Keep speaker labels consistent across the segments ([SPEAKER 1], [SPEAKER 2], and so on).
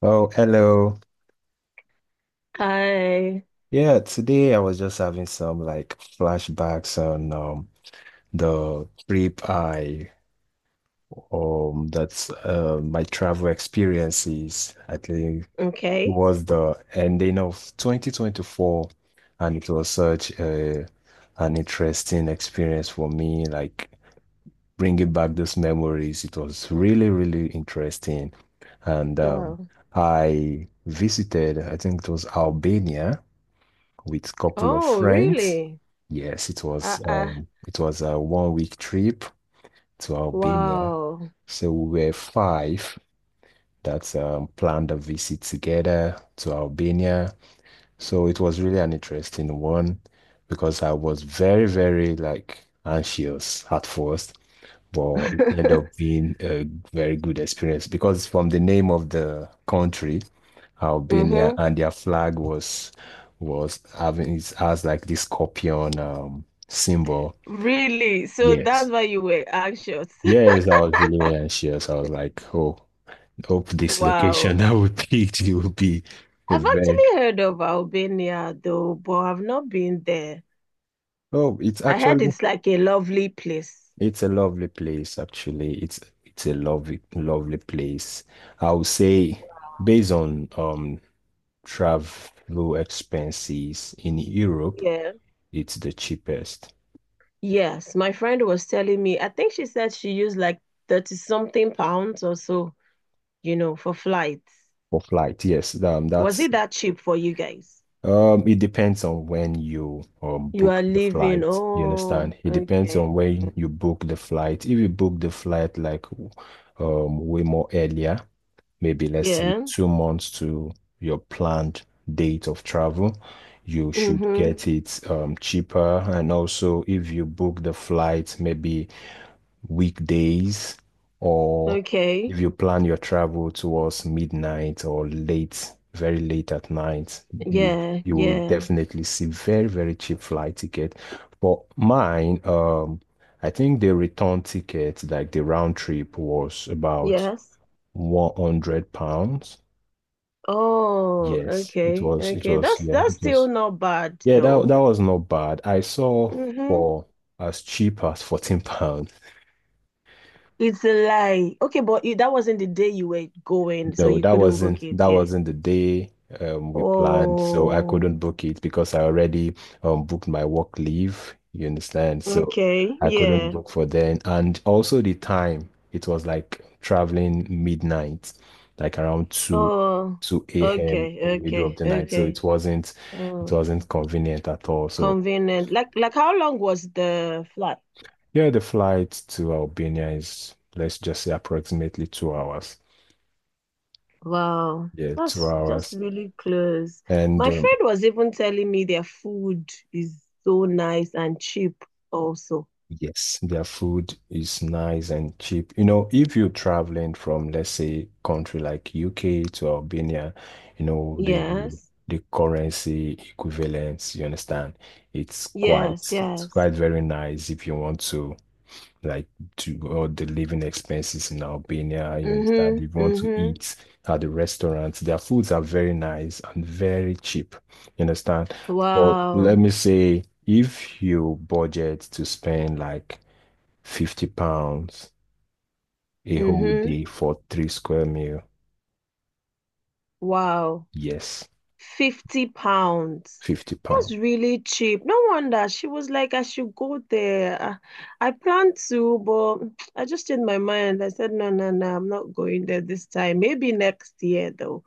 [SPEAKER 1] Oh, hello.
[SPEAKER 2] I
[SPEAKER 1] Yeah, today I was just having some like flashbacks on the trip I that's my travel experiences. I think it
[SPEAKER 2] Okay.
[SPEAKER 1] was the ending of 2024, and it was such a an interesting experience for me, like bringing back those memories. It was really, really interesting. And
[SPEAKER 2] Wow.
[SPEAKER 1] I visited, I think it was Albania with a couple of
[SPEAKER 2] Oh,
[SPEAKER 1] friends.
[SPEAKER 2] really?
[SPEAKER 1] Yes,
[SPEAKER 2] Uh, uh,
[SPEAKER 1] it was a 1 week trip to Albania.
[SPEAKER 2] wow.
[SPEAKER 1] So we were five that planned a visit together to Albania. So it was really an interesting one because I was very, very like anxious at first, but it ended up being a very good experience because from the name of the country, Albania,
[SPEAKER 2] Mm-hmm.
[SPEAKER 1] and their flag was having it has like this scorpion symbol.
[SPEAKER 2] Really? So
[SPEAKER 1] Yes.
[SPEAKER 2] that's why you were anxious.
[SPEAKER 1] Yes, I was really anxious. I was like, oh, hope this location
[SPEAKER 2] Wow.
[SPEAKER 1] that we picked it will be a
[SPEAKER 2] I've
[SPEAKER 1] very
[SPEAKER 2] actually heard of Albania though, but I've not been there.
[SPEAKER 1] oh, it's
[SPEAKER 2] I heard
[SPEAKER 1] actually
[SPEAKER 2] it's like a lovely place.
[SPEAKER 1] it's a lovely place, actually. It's a lovely place. I would say based on travel expenses in Europe,
[SPEAKER 2] Yeah.
[SPEAKER 1] it's the cheapest
[SPEAKER 2] Yes, my friend was telling me, I think she said she used like 30 something pounds or so, for flights.
[SPEAKER 1] for flight. Yes,
[SPEAKER 2] Was
[SPEAKER 1] that's
[SPEAKER 2] it that cheap for you guys?
[SPEAKER 1] it depends on when you
[SPEAKER 2] You
[SPEAKER 1] book
[SPEAKER 2] are
[SPEAKER 1] the
[SPEAKER 2] leaving.
[SPEAKER 1] flight. You
[SPEAKER 2] Oh,
[SPEAKER 1] understand? It depends on
[SPEAKER 2] okay.
[SPEAKER 1] when
[SPEAKER 2] Mm.
[SPEAKER 1] you book the flight. If you book the flight like way more earlier, maybe let's say
[SPEAKER 2] Yeah.
[SPEAKER 1] 2 months to your planned date of travel, you should
[SPEAKER 2] Mm-hmm.
[SPEAKER 1] get it cheaper. And also, if you book the flight maybe weekdays, or if
[SPEAKER 2] Okay.
[SPEAKER 1] you plan your travel towards midnight or late, very late at night, you
[SPEAKER 2] Yeah.
[SPEAKER 1] you will
[SPEAKER 2] Yeah.
[SPEAKER 1] definitely see very, very cheap flight ticket. For mine, I think the return ticket, like the round trip, was about
[SPEAKER 2] Yes.
[SPEAKER 1] 100 pounds.
[SPEAKER 2] Oh,
[SPEAKER 1] Yes,
[SPEAKER 2] okay. Okay. That's that's
[SPEAKER 1] it
[SPEAKER 2] still
[SPEAKER 1] was,
[SPEAKER 2] not bad
[SPEAKER 1] yeah, that,
[SPEAKER 2] though.
[SPEAKER 1] that was not bad. I saw
[SPEAKER 2] Mm-hmm.
[SPEAKER 1] for as cheap as 14 pounds.
[SPEAKER 2] It's a lie. Okay, but that wasn't the day you were going, so
[SPEAKER 1] No,
[SPEAKER 2] you couldn't book it.
[SPEAKER 1] that
[SPEAKER 2] Yeah.
[SPEAKER 1] wasn't the day we planned, so I
[SPEAKER 2] Oh,
[SPEAKER 1] couldn't book it because I already booked my work leave. You understand? So
[SPEAKER 2] okay.
[SPEAKER 1] I couldn't
[SPEAKER 2] Yeah.
[SPEAKER 1] book for then, and also the time it was like traveling midnight, like around
[SPEAKER 2] Oh,
[SPEAKER 1] two a.m. in
[SPEAKER 2] okay.
[SPEAKER 1] the middle of
[SPEAKER 2] Okay.
[SPEAKER 1] the night. So
[SPEAKER 2] Okay.
[SPEAKER 1] it
[SPEAKER 2] Oh,
[SPEAKER 1] wasn't convenient at all. So
[SPEAKER 2] convenient. Like how long was the flight?
[SPEAKER 1] yeah, the flight to Albania is let's just say approximately 2 hours.
[SPEAKER 2] Wow,
[SPEAKER 1] Yeah, two
[SPEAKER 2] that's
[SPEAKER 1] hours.
[SPEAKER 2] really close.
[SPEAKER 1] And
[SPEAKER 2] My friend was even telling me their food is so nice and cheap also.
[SPEAKER 1] yes, their food is nice and cheap. You know, if you're traveling from, let's say, country like UK to Albania, you know,
[SPEAKER 2] Yes,
[SPEAKER 1] the currency equivalence, you understand,
[SPEAKER 2] yes,
[SPEAKER 1] it's
[SPEAKER 2] yes.
[SPEAKER 1] quite very nice if you want to like to all the living expenses in Albania. You understand? If
[SPEAKER 2] Mm-hmm,
[SPEAKER 1] you want to
[SPEAKER 2] mm-hmm.
[SPEAKER 1] eat at the restaurants, their foods are very nice and very cheap. You understand? But let
[SPEAKER 2] Wow.
[SPEAKER 1] me say, if you budget to spend like 50 pounds a whole
[SPEAKER 2] Mm-hmm.
[SPEAKER 1] day for three square meal,
[SPEAKER 2] Wow.
[SPEAKER 1] yes,
[SPEAKER 2] 50 pounds.
[SPEAKER 1] 50 pounds.
[SPEAKER 2] That's really cheap. No wonder she was like, I should go there. I planned to, but I just changed my mind. I said, no, no, no, I'm not going there this time. Maybe next year, though.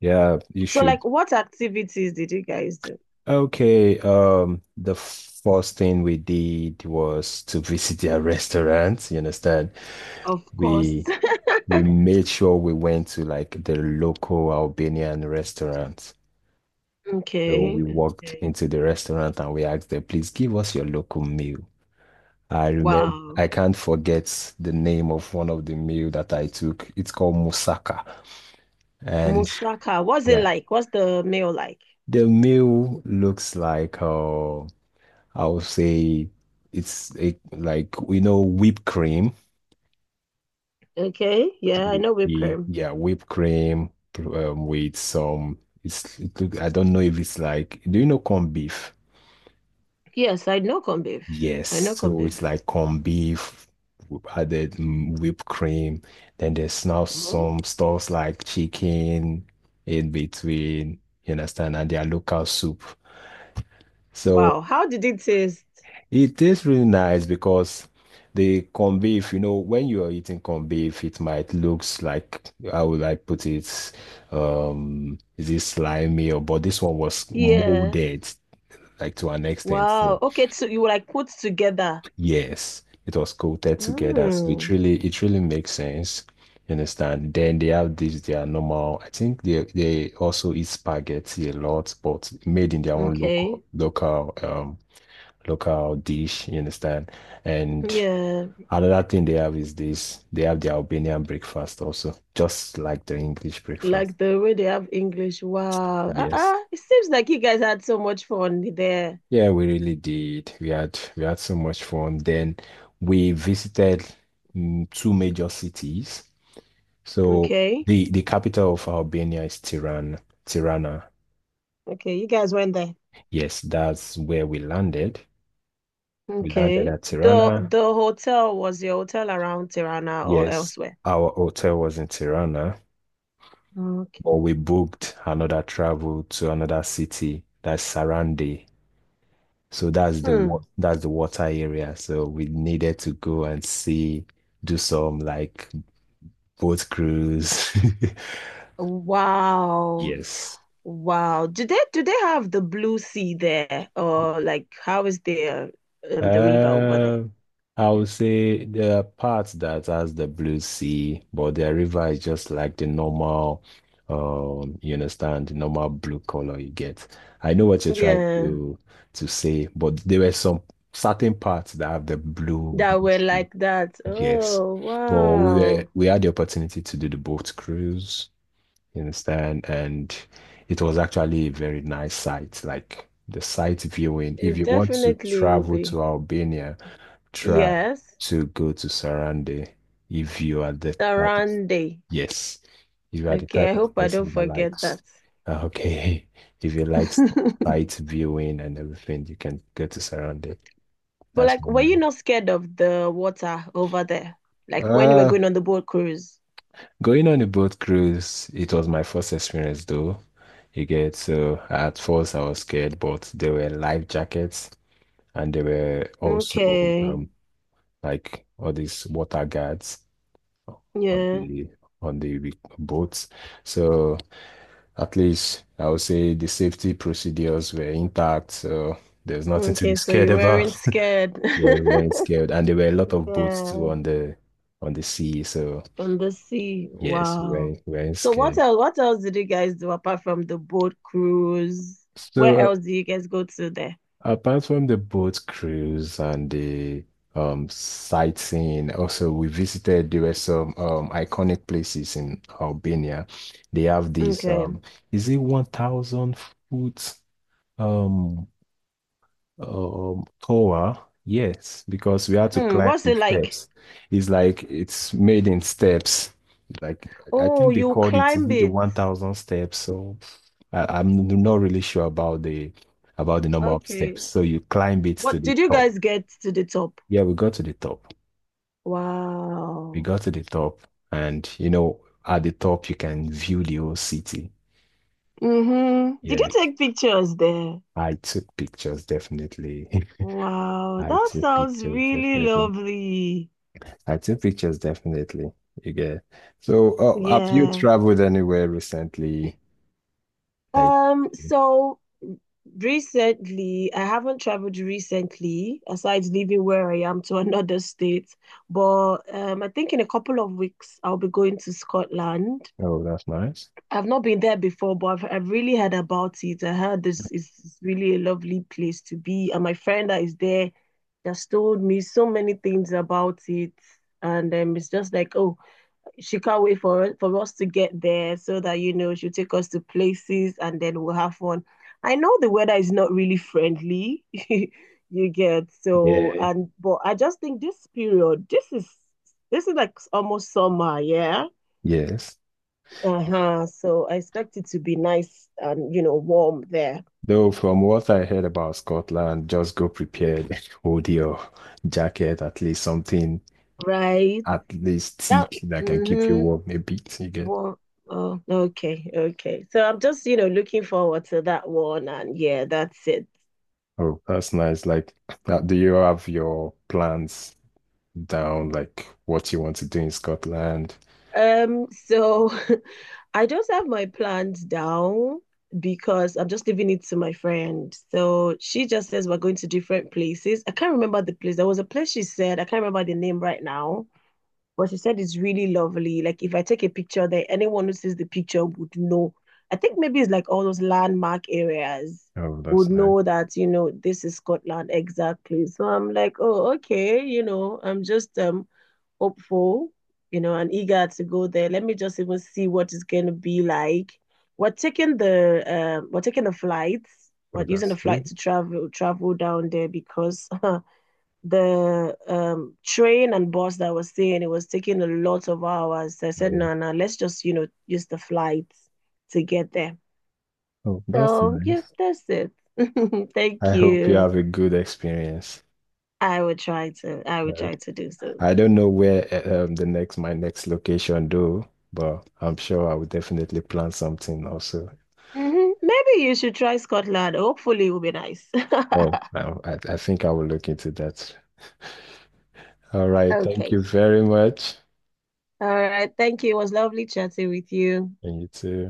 [SPEAKER 1] Yeah, you
[SPEAKER 2] So,
[SPEAKER 1] should.
[SPEAKER 2] like, what activities did you guys do?
[SPEAKER 1] Okay, the first thing we did was to visit their restaurant, you understand?
[SPEAKER 2] Of course.
[SPEAKER 1] We we made sure we went to like the local Albanian restaurant. So we
[SPEAKER 2] Okay,
[SPEAKER 1] walked
[SPEAKER 2] okay.
[SPEAKER 1] into the restaurant and we asked them, please give us your local meal. I remember,
[SPEAKER 2] Wow.
[SPEAKER 1] I can't forget the name of one of the meal that I took. It's called moussaka. And
[SPEAKER 2] Moussaka, what's it
[SPEAKER 1] yeah,
[SPEAKER 2] like? What's the meal like?
[SPEAKER 1] the meal looks like, I would say it's a, like, you know, whipped cream.
[SPEAKER 2] Okay, yeah, I know whipped cream.
[SPEAKER 1] Whipped cream with some. It look, I don't know if it's like. Do you know corned beef?
[SPEAKER 2] Yes, I know corned beef.
[SPEAKER 1] Yes,
[SPEAKER 2] I know corned
[SPEAKER 1] so it's
[SPEAKER 2] beef.
[SPEAKER 1] like corned beef added whipped cream. Then there's now
[SPEAKER 2] Mhm.
[SPEAKER 1] some stuffs like chicken in between. You understand? And their local soup. So
[SPEAKER 2] Wow, how did it taste?
[SPEAKER 1] it tastes really nice because the corned beef, you know, when you are eating corned beef, it might looks like, how would I put it? Is it slimy or but this one was
[SPEAKER 2] Yeah.
[SPEAKER 1] molded like to an extent. So
[SPEAKER 2] Wow. Okay, so you like put together.
[SPEAKER 1] yes, it was coated together. So
[SPEAKER 2] Mm.
[SPEAKER 1] it really makes sense. You understand? Then they have this their normal. I think they also eat spaghetti a lot, but made in their own
[SPEAKER 2] Okay.
[SPEAKER 1] local dish. You understand? And
[SPEAKER 2] Yeah,
[SPEAKER 1] another thing they have is this, they have the Albanian breakfast also, just like the English breakfast.
[SPEAKER 2] like the way they have English. Wow.
[SPEAKER 1] Yes.
[SPEAKER 2] Uh-uh. It seems like you guys had so much fun there.
[SPEAKER 1] Yeah, we really did. We had so much fun. Then we visited two major cities. So
[SPEAKER 2] Okay.
[SPEAKER 1] the capital of Albania is Tirana. Tirana.
[SPEAKER 2] Okay, you guys went there.
[SPEAKER 1] Yes, that's where we landed. We landed
[SPEAKER 2] Okay.
[SPEAKER 1] at
[SPEAKER 2] The
[SPEAKER 1] Tirana.
[SPEAKER 2] the hotel was your hotel around Tirana or
[SPEAKER 1] Yes,
[SPEAKER 2] elsewhere?
[SPEAKER 1] our hotel was in Tirana,
[SPEAKER 2] Okay.
[SPEAKER 1] but we booked another travel to another city, that's Sarandi. So that's
[SPEAKER 2] Hmm.
[SPEAKER 1] that's the water area. So we needed to go and see, do some like boat cruise.
[SPEAKER 2] Wow.
[SPEAKER 1] Yes.
[SPEAKER 2] Wow. Do they have the blue sea there? Or like how is the river over there?
[SPEAKER 1] Uh, I would say there are parts that has the blue sea, but the river is just like the normal, you understand, the normal blue color you get. I know what you're trying
[SPEAKER 2] Yeah,
[SPEAKER 1] to say, but there were some certain parts that have the
[SPEAKER 2] that
[SPEAKER 1] blue
[SPEAKER 2] were
[SPEAKER 1] sea.
[SPEAKER 2] like that.
[SPEAKER 1] Yes.
[SPEAKER 2] Oh,
[SPEAKER 1] But
[SPEAKER 2] wow.
[SPEAKER 1] we had the opportunity to do the boat cruise, you understand? And it was actually a very nice sight. Like the sight viewing. If
[SPEAKER 2] It
[SPEAKER 1] you want to
[SPEAKER 2] definitely will
[SPEAKER 1] travel to
[SPEAKER 2] be.
[SPEAKER 1] Albania, try
[SPEAKER 2] Yes,
[SPEAKER 1] to go to Sarande if you are the type of-
[SPEAKER 2] Sarande.
[SPEAKER 1] yes. If you are the
[SPEAKER 2] Okay,
[SPEAKER 1] type
[SPEAKER 2] I
[SPEAKER 1] of
[SPEAKER 2] hope I don't
[SPEAKER 1] person that
[SPEAKER 2] forget
[SPEAKER 1] likes
[SPEAKER 2] that.
[SPEAKER 1] okay, if you like sight viewing and everything, you can go to Sarande.
[SPEAKER 2] But
[SPEAKER 1] That's
[SPEAKER 2] like, were
[SPEAKER 1] what
[SPEAKER 2] you not scared of the water over there?
[SPEAKER 1] I
[SPEAKER 2] Like when you were
[SPEAKER 1] like.
[SPEAKER 2] going on the boat cruise?
[SPEAKER 1] Going on a boat cruise, it was my first experience though. You get, so at first I was scared, but there were life jackets and there were also
[SPEAKER 2] Okay.
[SPEAKER 1] like all these water guards on
[SPEAKER 2] Yeah.
[SPEAKER 1] the boats. So at least I would say the safety procedures were intact, so there's nothing to be
[SPEAKER 2] Okay, so
[SPEAKER 1] scared
[SPEAKER 2] you
[SPEAKER 1] about.
[SPEAKER 2] weren't scared.
[SPEAKER 1] Yeah, we weren't scared, and there were a lot of boats too
[SPEAKER 2] Yeah.
[SPEAKER 1] on the sea. So
[SPEAKER 2] On the sea.
[SPEAKER 1] yes,
[SPEAKER 2] Wow.
[SPEAKER 1] we weren't
[SPEAKER 2] So what
[SPEAKER 1] scared.
[SPEAKER 2] else, what else did you guys do apart from the boat cruise? Where
[SPEAKER 1] So
[SPEAKER 2] else do you guys go to there?
[SPEAKER 1] apart from the boat cruise and the sightseeing, also we visited, there were some iconic places in Albania. They have this
[SPEAKER 2] Okay.
[SPEAKER 1] is it 1,000 foot um, Tower, yes, because we had to
[SPEAKER 2] Hmm.
[SPEAKER 1] climb
[SPEAKER 2] What's
[SPEAKER 1] the
[SPEAKER 2] it like?
[SPEAKER 1] steps. It's like it's made in steps. Like I
[SPEAKER 2] Oh,
[SPEAKER 1] think they
[SPEAKER 2] you
[SPEAKER 1] called it, is
[SPEAKER 2] climb
[SPEAKER 1] it the
[SPEAKER 2] it.
[SPEAKER 1] 1,000 steps? So I'm not really sure about the number of steps.
[SPEAKER 2] Okay.
[SPEAKER 1] So you climb it to
[SPEAKER 2] What
[SPEAKER 1] the
[SPEAKER 2] did you
[SPEAKER 1] top.
[SPEAKER 2] guys get to the top?
[SPEAKER 1] Yeah, we got to the top. We
[SPEAKER 2] Wow.
[SPEAKER 1] got to the top, and you know, at the top you can view the whole city.
[SPEAKER 2] Mm-hmm. Did you
[SPEAKER 1] Yes,
[SPEAKER 2] take pictures there?
[SPEAKER 1] I took pictures definitely.
[SPEAKER 2] Wow,
[SPEAKER 1] I
[SPEAKER 2] that
[SPEAKER 1] took
[SPEAKER 2] sounds
[SPEAKER 1] pictures
[SPEAKER 2] really
[SPEAKER 1] definitely.
[SPEAKER 2] lovely.
[SPEAKER 1] I take pictures definitely. You get. So, have you
[SPEAKER 2] Yeah.
[SPEAKER 1] traveled anywhere recently? Like,
[SPEAKER 2] So recently, I haven't traveled recently, aside leaving where I am to another state. But I think in a couple of weeks I'll be going to Scotland.
[SPEAKER 1] oh, that's nice.
[SPEAKER 2] I've not been there before, but I've really heard about it. I heard this is really a lovely place to be. And my friend that is there just told me so many things about it. And it's just like, oh, she can't wait for us to get there so that, she'll take us to places and then we'll have fun. I know the weather is not really friendly, you get. So,
[SPEAKER 1] Yeah.
[SPEAKER 2] and but I just think this period, this is like almost summer, yeah.
[SPEAKER 1] Yes.
[SPEAKER 2] Uh-huh. So I expect it to be nice and, warm there.
[SPEAKER 1] Though from what I heard about Scotland, just go prepared, hold your jacket, at least something
[SPEAKER 2] Right.
[SPEAKER 1] at least
[SPEAKER 2] That
[SPEAKER 1] thick that can keep you
[SPEAKER 2] Mm-hmm.
[SPEAKER 1] warm a bit. You get.
[SPEAKER 2] Warm. Oh, okay, okay. So I'm just, looking forward to that one and yeah, that's it.
[SPEAKER 1] Oh, that's nice. Like, do you have your plans down, like what you want to do in Scotland?
[SPEAKER 2] So I just have my plans down because I'm just leaving it to my friend. So she just says we're going to different places. I can't remember the place. There was a place she said, I can't remember the name right now. But she said it's really lovely. Like if I take a picture there, anyone who sees the picture would know. I think maybe it's like all those landmark areas
[SPEAKER 1] Oh,
[SPEAKER 2] would
[SPEAKER 1] that's nice.
[SPEAKER 2] know that, this is Scotland exactly. So I'm like, oh, okay, I'm just hopeful, and eager to go there. Let me just even see what it's gonna be like. We're taking the we're taking the flights,
[SPEAKER 1] Oh,
[SPEAKER 2] we're using
[SPEAKER 1] that's
[SPEAKER 2] the flight
[SPEAKER 1] good.
[SPEAKER 2] to travel down there because the train and bus that I was saying, it was taking a lot of hours. I said,
[SPEAKER 1] Oh,
[SPEAKER 2] no, no, let's just, use the flight to get there.
[SPEAKER 1] oh, that's
[SPEAKER 2] So yeah,
[SPEAKER 1] nice.
[SPEAKER 2] that's it. Thank
[SPEAKER 1] I hope you
[SPEAKER 2] you.
[SPEAKER 1] have a good experience.
[SPEAKER 2] I would try to, I would try
[SPEAKER 1] Like,
[SPEAKER 2] to do so.
[SPEAKER 1] I don't know where the next my next location though, but I'm sure I will definitely plan something also.
[SPEAKER 2] Mm-hmm. Maybe you should try Scotland. Hopefully it will be nice.
[SPEAKER 1] Oh, I, I think I will look into that. All right. Thank
[SPEAKER 2] Okay.
[SPEAKER 1] you very much.
[SPEAKER 2] All right. Thank you. It was lovely chatting with you.
[SPEAKER 1] And you too.